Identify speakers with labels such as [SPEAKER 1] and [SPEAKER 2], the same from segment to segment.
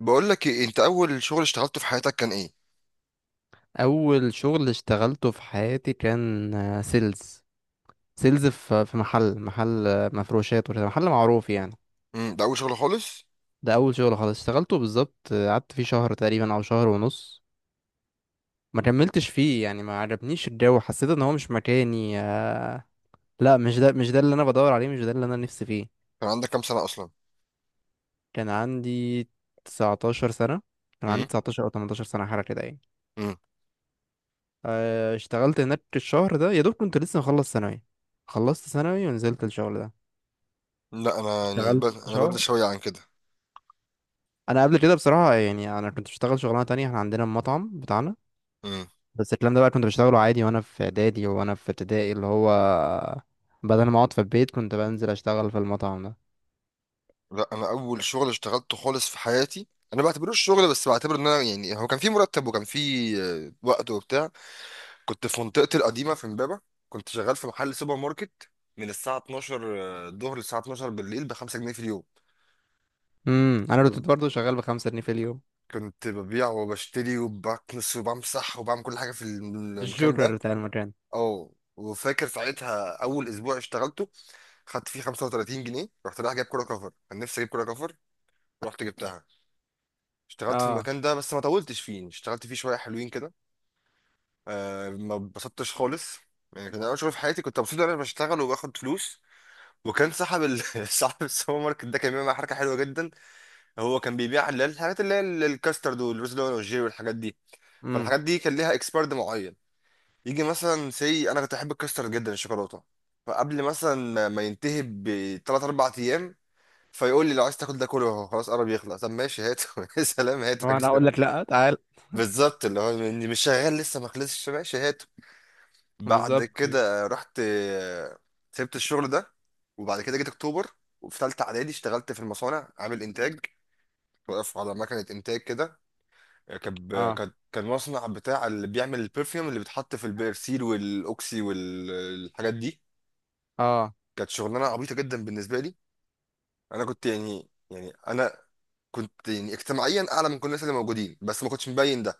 [SPEAKER 1] بقول لك ايه انت اول شغل اشتغلته في حياتك كان ايه؟
[SPEAKER 2] اول شغل اشتغلته في حياتي كان سيلز في محل مفروشات وكده، محل معروف يعني.
[SPEAKER 1] امم. ده اول شغل خالص؟
[SPEAKER 2] ده اول شغل خالص اشتغلته بالظبط، قعدت فيه شهر تقريبا او شهر ونص. ما كملتش فيه يعني، ما عجبنيش الجو، حسيت ان هو مش مكاني. لا، مش ده اللي انا بدور عليه، مش ده اللي انا نفسي فيه.
[SPEAKER 1] كان عندك كام سنه اصلا؟
[SPEAKER 2] كان عندي 19 سنة. كان عندي
[SPEAKER 1] امم.
[SPEAKER 2] 19 او 18 سنة حاجة كده يعني.
[SPEAKER 1] امم.
[SPEAKER 2] اشتغلت هناك الشهر ده، يا دوب كنت لسه مخلص ثانوي، خلصت ثانوي ونزلت الشغل ده.
[SPEAKER 1] لا انا يعني
[SPEAKER 2] اشتغلت
[SPEAKER 1] انا
[SPEAKER 2] شهر.
[SPEAKER 1] بدري شويه عن كده.
[SPEAKER 2] انا قبل كده بصراحه يعني انا كنت بشتغل شغلانه تانية، احنا عندنا المطعم بتاعنا،
[SPEAKER 1] امم.
[SPEAKER 2] بس الكلام ده بقى كنت بشتغله عادي وانا في اعدادي وانا في ابتدائي، اللي هو بدل ما اقعد في البيت كنت بنزل اشتغل في المطعم ده.
[SPEAKER 1] لا انا اول شغل اشتغلته خالص في حياتي. انا ما بعتبروش شغل، بس بعتبر ان انا يعني هو كان في مرتب وكان في وقت وبتاع. كنت في منطقتي القديمه في امبابه، كنت شغال في محل سوبر ماركت من الساعه 12 الظهر للساعه 12 بالليل، ب 5 جنيه في اليوم.
[SPEAKER 2] امم، انا كنت
[SPEAKER 1] كنت
[SPEAKER 2] برضه شغال بخمسة جنيه في اليوم.
[SPEAKER 1] كنت ببيع وبشتري وبكنس وبمسح وبعمل كل حاجه في المكان
[SPEAKER 2] الجوكر
[SPEAKER 1] ده.
[SPEAKER 2] بتاع المكان.
[SPEAKER 1] اه، وفاكر ساعتها اول اسبوع اشتغلته خدت فيه 35 جنيه، رحت رايح جايب كوره كفر، كان نفسي اجيب كوره كفر، رحت جبتها. اشتغلت في
[SPEAKER 2] اه.
[SPEAKER 1] المكان ده بس ما طولتش فيه، يعني اشتغلت فيه شويه حلوين كده. ما اتبسطتش خالص، يعني كان اول شغل في حياتي، كنت مبسوط إن انا بشتغل وباخد فلوس. وكان صاحب صاحب السوبر ماركت ده كان بيعمل معايا حركه حلوه جدا. هو كان بيبيع اللي هي الحاجات، اللي هي الكاسترد والرز والجيري والحاجات دي،
[SPEAKER 2] امم.
[SPEAKER 1] فالحاجات دي كان ليها اكسبيرد معين. يجي مثلا سي، انا كنت احب الكاسترد جدا، الشوكولاته، فقبل مثلا ما ينتهي بثلاث اربع ايام فيقول لي لو عايز تاكل ده كله اهو خلاص قرب يخلص، طب ماشي هاته. يا سلام، هاته
[SPEAKER 2] هو انا
[SPEAKER 1] كده،
[SPEAKER 2] اقول لك، لا، تعال.
[SPEAKER 1] بالظبط، اللي هو إني مش شغال لسه ما خلصش، ماشي هاته. بعد
[SPEAKER 2] بالظبط.
[SPEAKER 1] كده رحت سبت الشغل ده. وبعد كده جيت اكتوبر، وفي ثالثه اعدادي اشتغلت في المصانع عامل انتاج، واقف على مكنه انتاج كده. كان
[SPEAKER 2] اه.
[SPEAKER 1] كان مصنع بتاع اللي بيعمل البرفيوم اللي بيتحط في البيرسيل والاوكسي والحاجات دي.
[SPEAKER 2] اه.
[SPEAKER 1] كانت شغلانه عبيطه جدا بالنسبه لي. انا كنت يعني انا كنت يعني اجتماعيا اعلى من كل الناس اللي موجودين، بس ما كنتش مبين ده،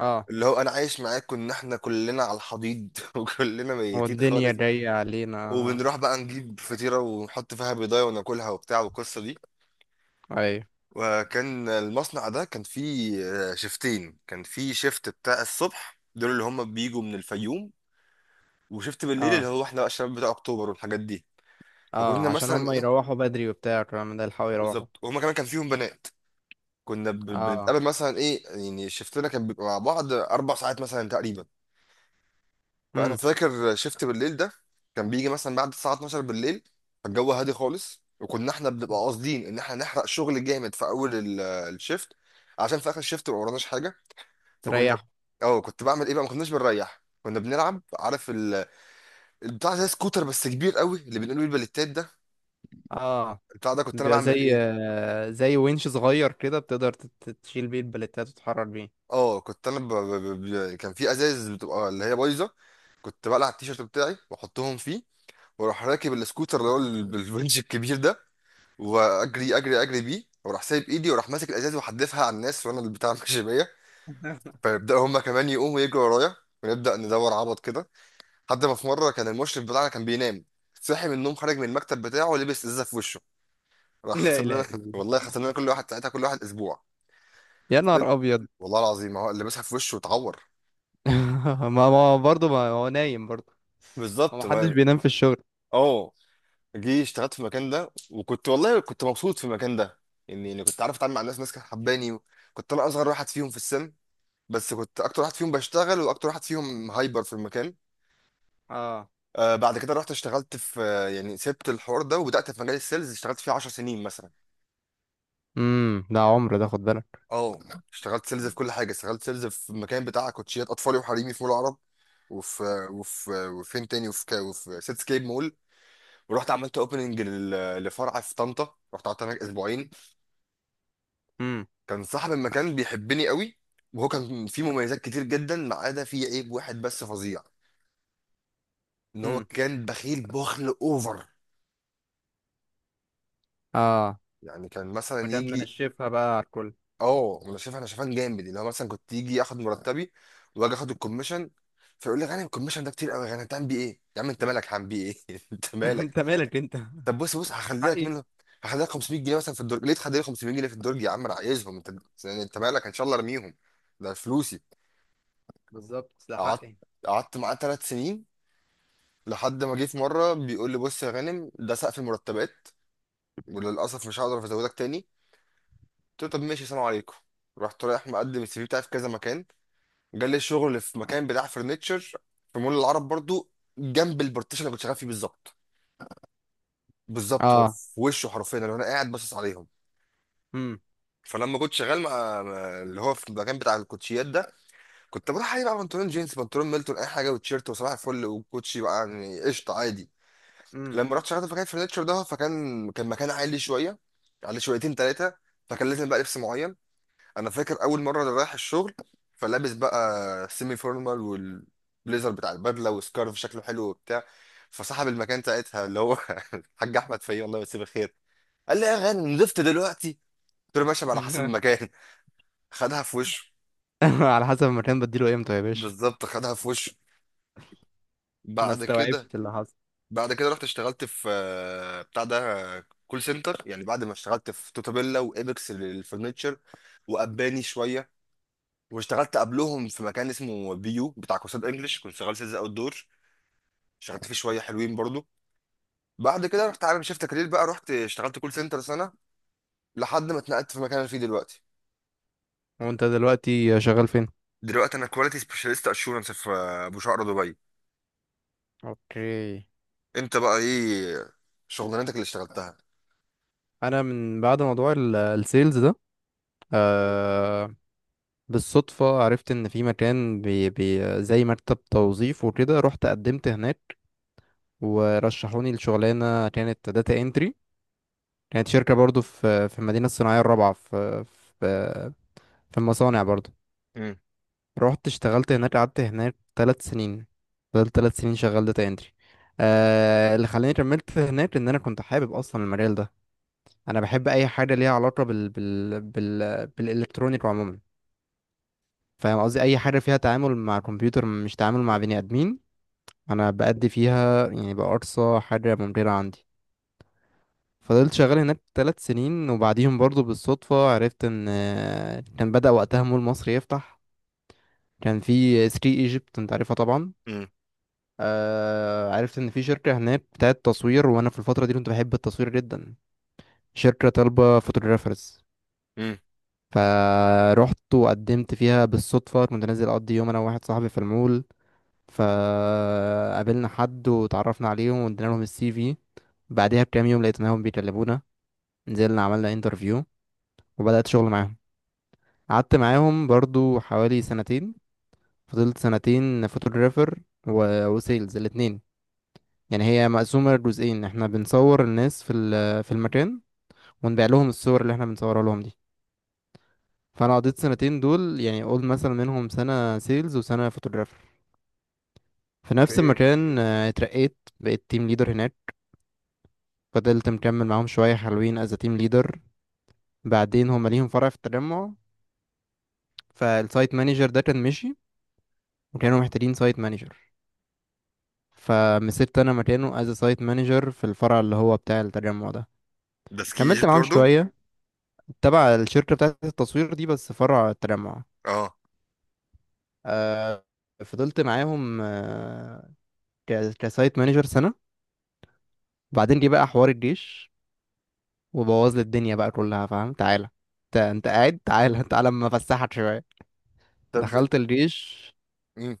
[SPEAKER 2] اه.
[SPEAKER 1] اللي هو انا عايش معاكم ان احنا كلنا على الحضيض وكلنا
[SPEAKER 2] هو
[SPEAKER 1] ميتين
[SPEAKER 2] الدنيا
[SPEAKER 1] خالص.
[SPEAKER 2] جايه علينا.
[SPEAKER 1] وبنروح بقى نجيب فطيره ونحط فيها بيضايه وناكلها وبتاع والقصه دي.
[SPEAKER 2] ايوه.
[SPEAKER 1] وكان المصنع ده كان فيه شيفتين، كان فيه شيفت بتاع الصبح دول اللي هم بيجوا من الفيوم، وشيفت بالليل اللي
[SPEAKER 2] اه.
[SPEAKER 1] هو احنا بقى الشباب بتاع اكتوبر والحاجات دي.
[SPEAKER 2] اه،
[SPEAKER 1] فكنا
[SPEAKER 2] عشان
[SPEAKER 1] مثلا
[SPEAKER 2] هم
[SPEAKER 1] ايه،
[SPEAKER 2] يروحوا بدري وبتاع الكلام ده يلحقوا يروحوا.
[SPEAKER 1] بالظبط، وهما كمان كان فيهم بنات، كنا
[SPEAKER 2] اه.
[SPEAKER 1] بنتقابل مثلا ايه، يعني شفتنا كان بيبقى مع بعض 4 ساعات مثلا تقريبا. فانا
[SPEAKER 2] امم.
[SPEAKER 1] فاكر شفت بالليل ده كان بيجي مثلا بعد الساعه 12 بالليل، فالجو هادي خالص، وكنا احنا بنبقى قاصدين ان احنا نحرق شغل جامد في اول الشيفت، عشان في اخر الشيفت ما وراناش حاجه. فكنا،
[SPEAKER 2] تريح.
[SPEAKER 1] اه، كنت بعمل ايه بقى، ما كناش بنريح كنا بنلعب. عارف البتاع، زي سكوتر بس كبير قوي، اللي بنقوله البليتات ده،
[SPEAKER 2] اه،
[SPEAKER 1] البتاع ده كنت انا
[SPEAKER 2] بيبقى زي
[SPEAKER 1] بعمل ايه؟
[SPEAKER 2] زي winch صغير كده، بتقدر تشيل بيه البلتات وتحرر بيه.
[SPEAKER 1] اه، كنت انا كان في ازايز بتبقى اللي هي بايظه، كنت بقلع التيشيرت بتاعي واحطهم فيه، واروح راكب السكوتر اللي هو بالونش الكبير ده، واجري اجري اجري بيه، واروح سايب ايدي، واروح ماسك الازاز وحدفها على الناس وانا اللي بتاع ماشي بيا، فيبداوا هما كمان يقوموا يجروا ورايا، ونبدا ندور عبط كده. لحد ما في مره كان المشرف بتاعنا كان بينام، صحي من النوم، خرج من المكتب بتاعه، لبس ازازه في وشه. راح
[SPEAKER 2] لا
[SPEAKER 1] خسرنا
[SPEAKER 2] اله
[SPEAKER 1] لنا
[SPEAKER 2] الا الله.
[SPEAKER 1] والله خسرنا لنا، كل واحد ساعتها كل واحد اسبوع.
[SPEAKER 2] يا نهار ابيض.
[SPEAKER 1] والله العظيم ما هو لبسها في وشه واتعور،
[SPEAKER 2] ما برضه، ما هو نايم برضه، ما
[SPEAKER 1] بالظبط
[SPEAKER 2] محدش
[SPEAKER 1] ما.
[SPEAKER 2] بينام في الشغل.
[SPEAKER 1] اه، جه اشتغلت في المكان ده، وكنت والله كنت مبسوط في المكان ده. يعني كنت عارف اتعامل مع الناس، ناس كانت حباني، كنت انا اصغر واحد فيهم في السن، بس كنت اكتر واحد فيهم بشتغل واكتر واحد فيهم هايبر في المكان.
[SPEAKER 2] اه.
[SPEAKER 1] بعد كده رحت اشتغلت في يعني سبت الحوار ده وبدات في مجال السيلز اشتغلت فيه 10 سنين مثلا.
[SPEAKER 2] امم. ده عمر، ده خد بالك.
[SPEAKER 1] اه، اشتغلت سيلز في كل حاجه، اشتغلت سيلز في المكان بتاع كوتشيات اطفالي وحريمي في مول العرب، وفي وفين تاني، وفي سيتسكيب مول. ورحت عملت اوبننج لفرع في طنطا، رحت قعدت هناك اسبوعين.
[SPEAKER 2] امم.
[SPEAKER 1] كان صاحب المكان بيحبني قوي، وهو كان فيه مميزات كتير جدا، ما عدا فيه عيب واحد بس فظيع، ان هو
[SPEAKER 2] امم.
[SPEAKER 1] كان بخيل بخل اوفر.
[SPEAKER 2] اه.
[SPEAKER 1] يعني كان مثلا
[SPEAKER 2] وكان
[SPEAKER 1] يجي،
[SPEAKER 2] منشفها بقى على الكل.
[SPEAKER 1] اه، انا شايفان جامد، اللي هو مثلا كنت يجي ياخد مرتبي، واجي اخد الكوميشن، فيقول لي غانم الكوميشن ده كتير قوي، غانم هتعمل بيه ايه، يا عم انت مالك هعمل بيه ايه انت مالك.
[SPEAKER 2] انت مالك؟ انت
[SPEAKER 1] طب بص بص
[SPEAKER 2] مش
[SPEAKER 1] هخلي لك
[SPEAKER 2] حقي.
[SPEAKER 1] منه، هخلي لك 500 جنيه مثلا في الدرج، ليه تخلي لي 500 جنيه في الدرج، يا عم انا عايزهم انت، يعني انت مالك ان شاء الله ارميهم، ده فلوسي.
[SPEAKER 2] بالظبط، ده
[SPEAKER 1] قعدت
[SPEAKER 2] حقي.
[SPEAKER 1] قعدت معاه 3 سنين، لحد ما جه في مره بيقول لي بص يا غانم ده سقف المرتبات وللاسف مش هقدر ازودك تاني. قلت له طب ماشي سلام عليكم. رحت رايح مقدم السي في بتاعي في كذا مكان، جالي شغل في مكان بتاع فرنتشر، في مول العرب برضو، جنب البارتيشن اللي كنت شغال فيه بالظبط، بالظبط هو
[SPEAKER 2] اه.
[SPEAKER 1] في وشه حرفيا اللي انا قاعد باصص عليهم.
[SPEAKER 2] امم.
[SPEAKER 1] فلما كنت شغال مع اللي هو في المكان بتاع الكوتشيات ده، كنت بروح عليه بقى بنطلون جينز، بنطلون ميلتون، اي حاجه وتيشيرت، وصباح الفل، وكوتشي بقى، يعني قشطه عادي.
[SPEAKER 2] امم.
[SPEAKER 1] لما رحت شغلت في مكان الفرنتشر ده، فكان مكان عالي شويه، على شويتين ثلاثه، فكان لازم بقى لبس معين. انا فاكر اول مره انا رايح الشغل، فلابس بقى سيمي فورمال والبليزر بتاع البدله وسكارف شكله حلو وبتاع. فصاحب المكان ساعتها اللي هو الحاج احمد فيه الله يمسيه بالخير، قال لي يا غانم نضفت دلوقتي، قلت له ماشي، ما على حسب المكان. خدها في وشه،
[SPEAKER 2] على حسب المكان، بديله امتى يا باشا؟
[SPEAKER 1] بالظبط خدها في وشه.
[SPEAKER 2] ما
[SPEAKER 1] بعد كده
[SPEAKER 2] استوعبت اللي حصل.
[SPEAKER 1] بعد كده رحت اشتغلت في بتاع ده، كول سنتر، يعني بعد ما اشتغلت في توتابيلا وابيكس للفرنتشر، واباني شويه، واشتغلت قبلهم في مكان اسمه بيو بتاع كورسات انجلش كنت شغال سيلز اوت دور، اشتغلت فيه شويه حلوين برضو. بعد كده رحت عامل شيفت كارير بقى، رحت اشتغلت كول سنتر سنه لحد ما اتنقلت في المكان اللي فيه دلوقتي.
[SPEAKER 2] وانت دلوقتي شغال فين؟
[SPEAKER 1] دلوقتي انا كواليتي سبيشاليست اشورنس في بوشقرة دبي.
[SPEAKER 2] اوكي.
[SPEAKER 1] انت بقى ايه شغلانتك اللي اشتغلتها؟
[SPEAKER 2] انا من بعد موضوع السيلز ده، آه، بالصدفة عرفت ان في مكان بي بي زي مكتب توظيف وكده، رحت قدمت هناك ورشحوني لشغلانة كانت داتا انتري. كانت شركة برضو في المدينة الصناعية الرابعة، في في المصانع برضو.
[SPEAKER 1] امم.
[SPEAKER 2] رحت اشتغلت هناك، قعدت هناك ثلاث سنين. فضلت ثلاث سنين شغال داتا انتري. آه، اللي خلاني كملت هناك ان انا كنت حابب اصلا المجال ده. انا بحب اي حاجة ليها علاقة بالالكترونيك عموما. فاهم قصدي؟ اي حاجه فيها تعامل مع كمبيوتر، مش تعامل مع بني ادمين. انا بأدي فيها يعني بأقصى حاجه ممكنه عندي. فضلت شغال هناك ثلاث سنين، وبعديهم برضو بالصدفه عرفت ان كان بدأ وقتها مول مصر يفتح. كان في 3 ايجيبت، انت عارفها طبعا.
[SPEAKER 1] امم.
[SPEAKER 2] آه، عرفت ان في شركه هناك بتاعت تصوير، وانا في الفتره دي كنت بحب التصوير جدا. شركه طالبه فوتوغرافرز،
[SPEAKER 1] امم.
[SPEAKER 2] فروحت وقدمت فيها. بالصدفه كنت نازل اقضي يوم انا وواحد صاحبي في المول، فقابلنا حد وتعرفنا عليهم وادينا لهم السي في. بعدها بكام يوم لقيناهم بيكلمونا، نزلنا عملنا انترفيو، وبدأت شغل معاهم. قعدت معاهم برضو حوالي سنتين. فضلت سنتين فوتوغرافر و... وسيلز، الاتنين. يعني هي مقسومة لجزئين، احنا بنصور الناس في في المكان، ونبيع لهم الصور اللي احنا بنصورها لهم دي. فانا قضيت سنتين دول، يعني قول مثلا منهم سنة سيلز وسنة فوتوغرافر في نفس
[SPEAKER 1] اوكي.
[SPEAKER 2] المكان. آه، اترقيت، بقيت تيم ليدر هناك. فضلت مكمل معاهم شوية حلوين از تيم ليدر. بعدين هما ليهم فرع في التجمع، فالسايت مانجر ده كان مشي، وكانوا محتاجين سايت مانجر. فمسكت انا مكانه از سايت مانجر في الفرع اللي هو بتاع التجمع ده.
[SPEAKER 1] ده سكي
[SPEAKER 2] كملت
[SPEAKER 1] ايجيبت
[SPEAKER 2] معاهم
[SPEAKER 1] برضو؟
[SPEAKER 2] شوية تبع الشركة بتاعة التصوير دي، بس فرع التجمع.
[SPEAKER 1] اه.
[SPEAKER 2] آه، فضلت معاهم كسايت مانجر سنة. بعدين جه بقى حوار الجيش، وبوظ لي الدنيا بقى كلها، فاهم؟ تعالى انت، انت قاعد، تعالى تعالى اما افسحك شوية.
[SPEAKER 1] طب
[SPEAKER 2] دخلت الجيش.
[SPEAKER 1] انت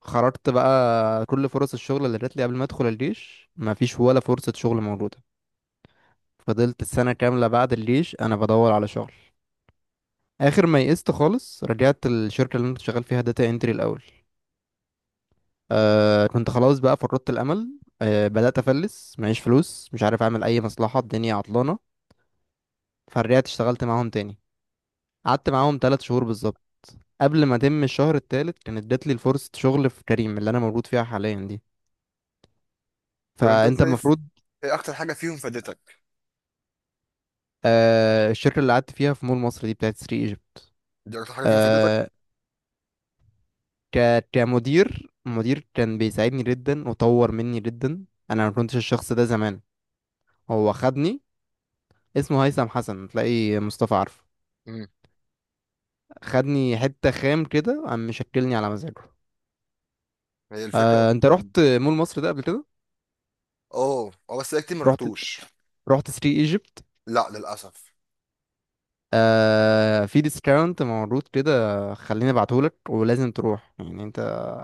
[SPEAKER 2] خرجت بقى كل فرص الشغل اللي جات لي قبل ما ادخل الجيش مفيش ولا فرصة شغل موجودة. فضلت السنة كاملة بعد الجيش انا بدور على شغل، اخر ما يئست خالص رجعت الشركة اللي انا كنت شغال فيها داتا انتري الاول. آه، كنت خلاص بقى فقدت الامل، آه، بدأت افلس، معيش فلوس، مش عارف اعمل اي مصلحة، الدنيا عطلانة. فرجعت اشتغلت معاهم تاني. قعدت معاهم تلات شهور بالظبط، قبل ما اتم الشهر التالت كانت جات لي فرصة شغل في كريم، اللي انا موجود فيها حاليا دي.
[SPEAKER 1] طب انت
[SPEAKER 2] فانت
[SPEAKER 1] شايف
[SPEAKER 2] المفروض.
[SPEAKER 1] ايه اكتر حاجه فيهم فادتك؟
[SPEAKER 2] آه، الشركة اللي قعدت فيها في مول مصر دي بتاعت سري ايجيبت.
[SPEAKER 1] دي اكتر حاجه فيهم فادتك؟
[SPEAKER 2] آه، ك كمدير مدير كان بيساعدني جدا وطور مني جدا. انا ما كنتش الشخص ده زمان، هو خدني. اسمه هيثم حسن، تلاقي مصطفى عارفه.
[SPEAKER 1] امم.
[SPEAKER 2] خدني حتة خام كده، قام مشكلني على مزاجه.
[SPEAKER 1] هي الفكره
[SPEAKER 2] آه، انت رحت
[SPEAKER 1] لما.
[SPEAKER 2] مول مصر ده قبل كده؟
[SPEAKER 1] اه، اه، بس انا كتير ما
[SPEAKER 2] رحت
[SPEAKER 1] رحتوش.
[SPEAKER 2] رحت سري ايجيبت.
[SPEAKER 1] لا للاسف.
[SPEAKER 2] آه، في ديسكاونت موجود كده، خليني ابعتهولك، ولازم تروح يعني انت،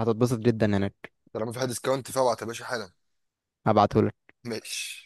[SPEAKER 2] هتتبسط جدا هناك.
[SPEAKER 1] طالما في حد ديسكاونت فابعت يا باشا حالا.
[SPEAKER 2] هبعتهولك.
[SPEAKER 1] ماشي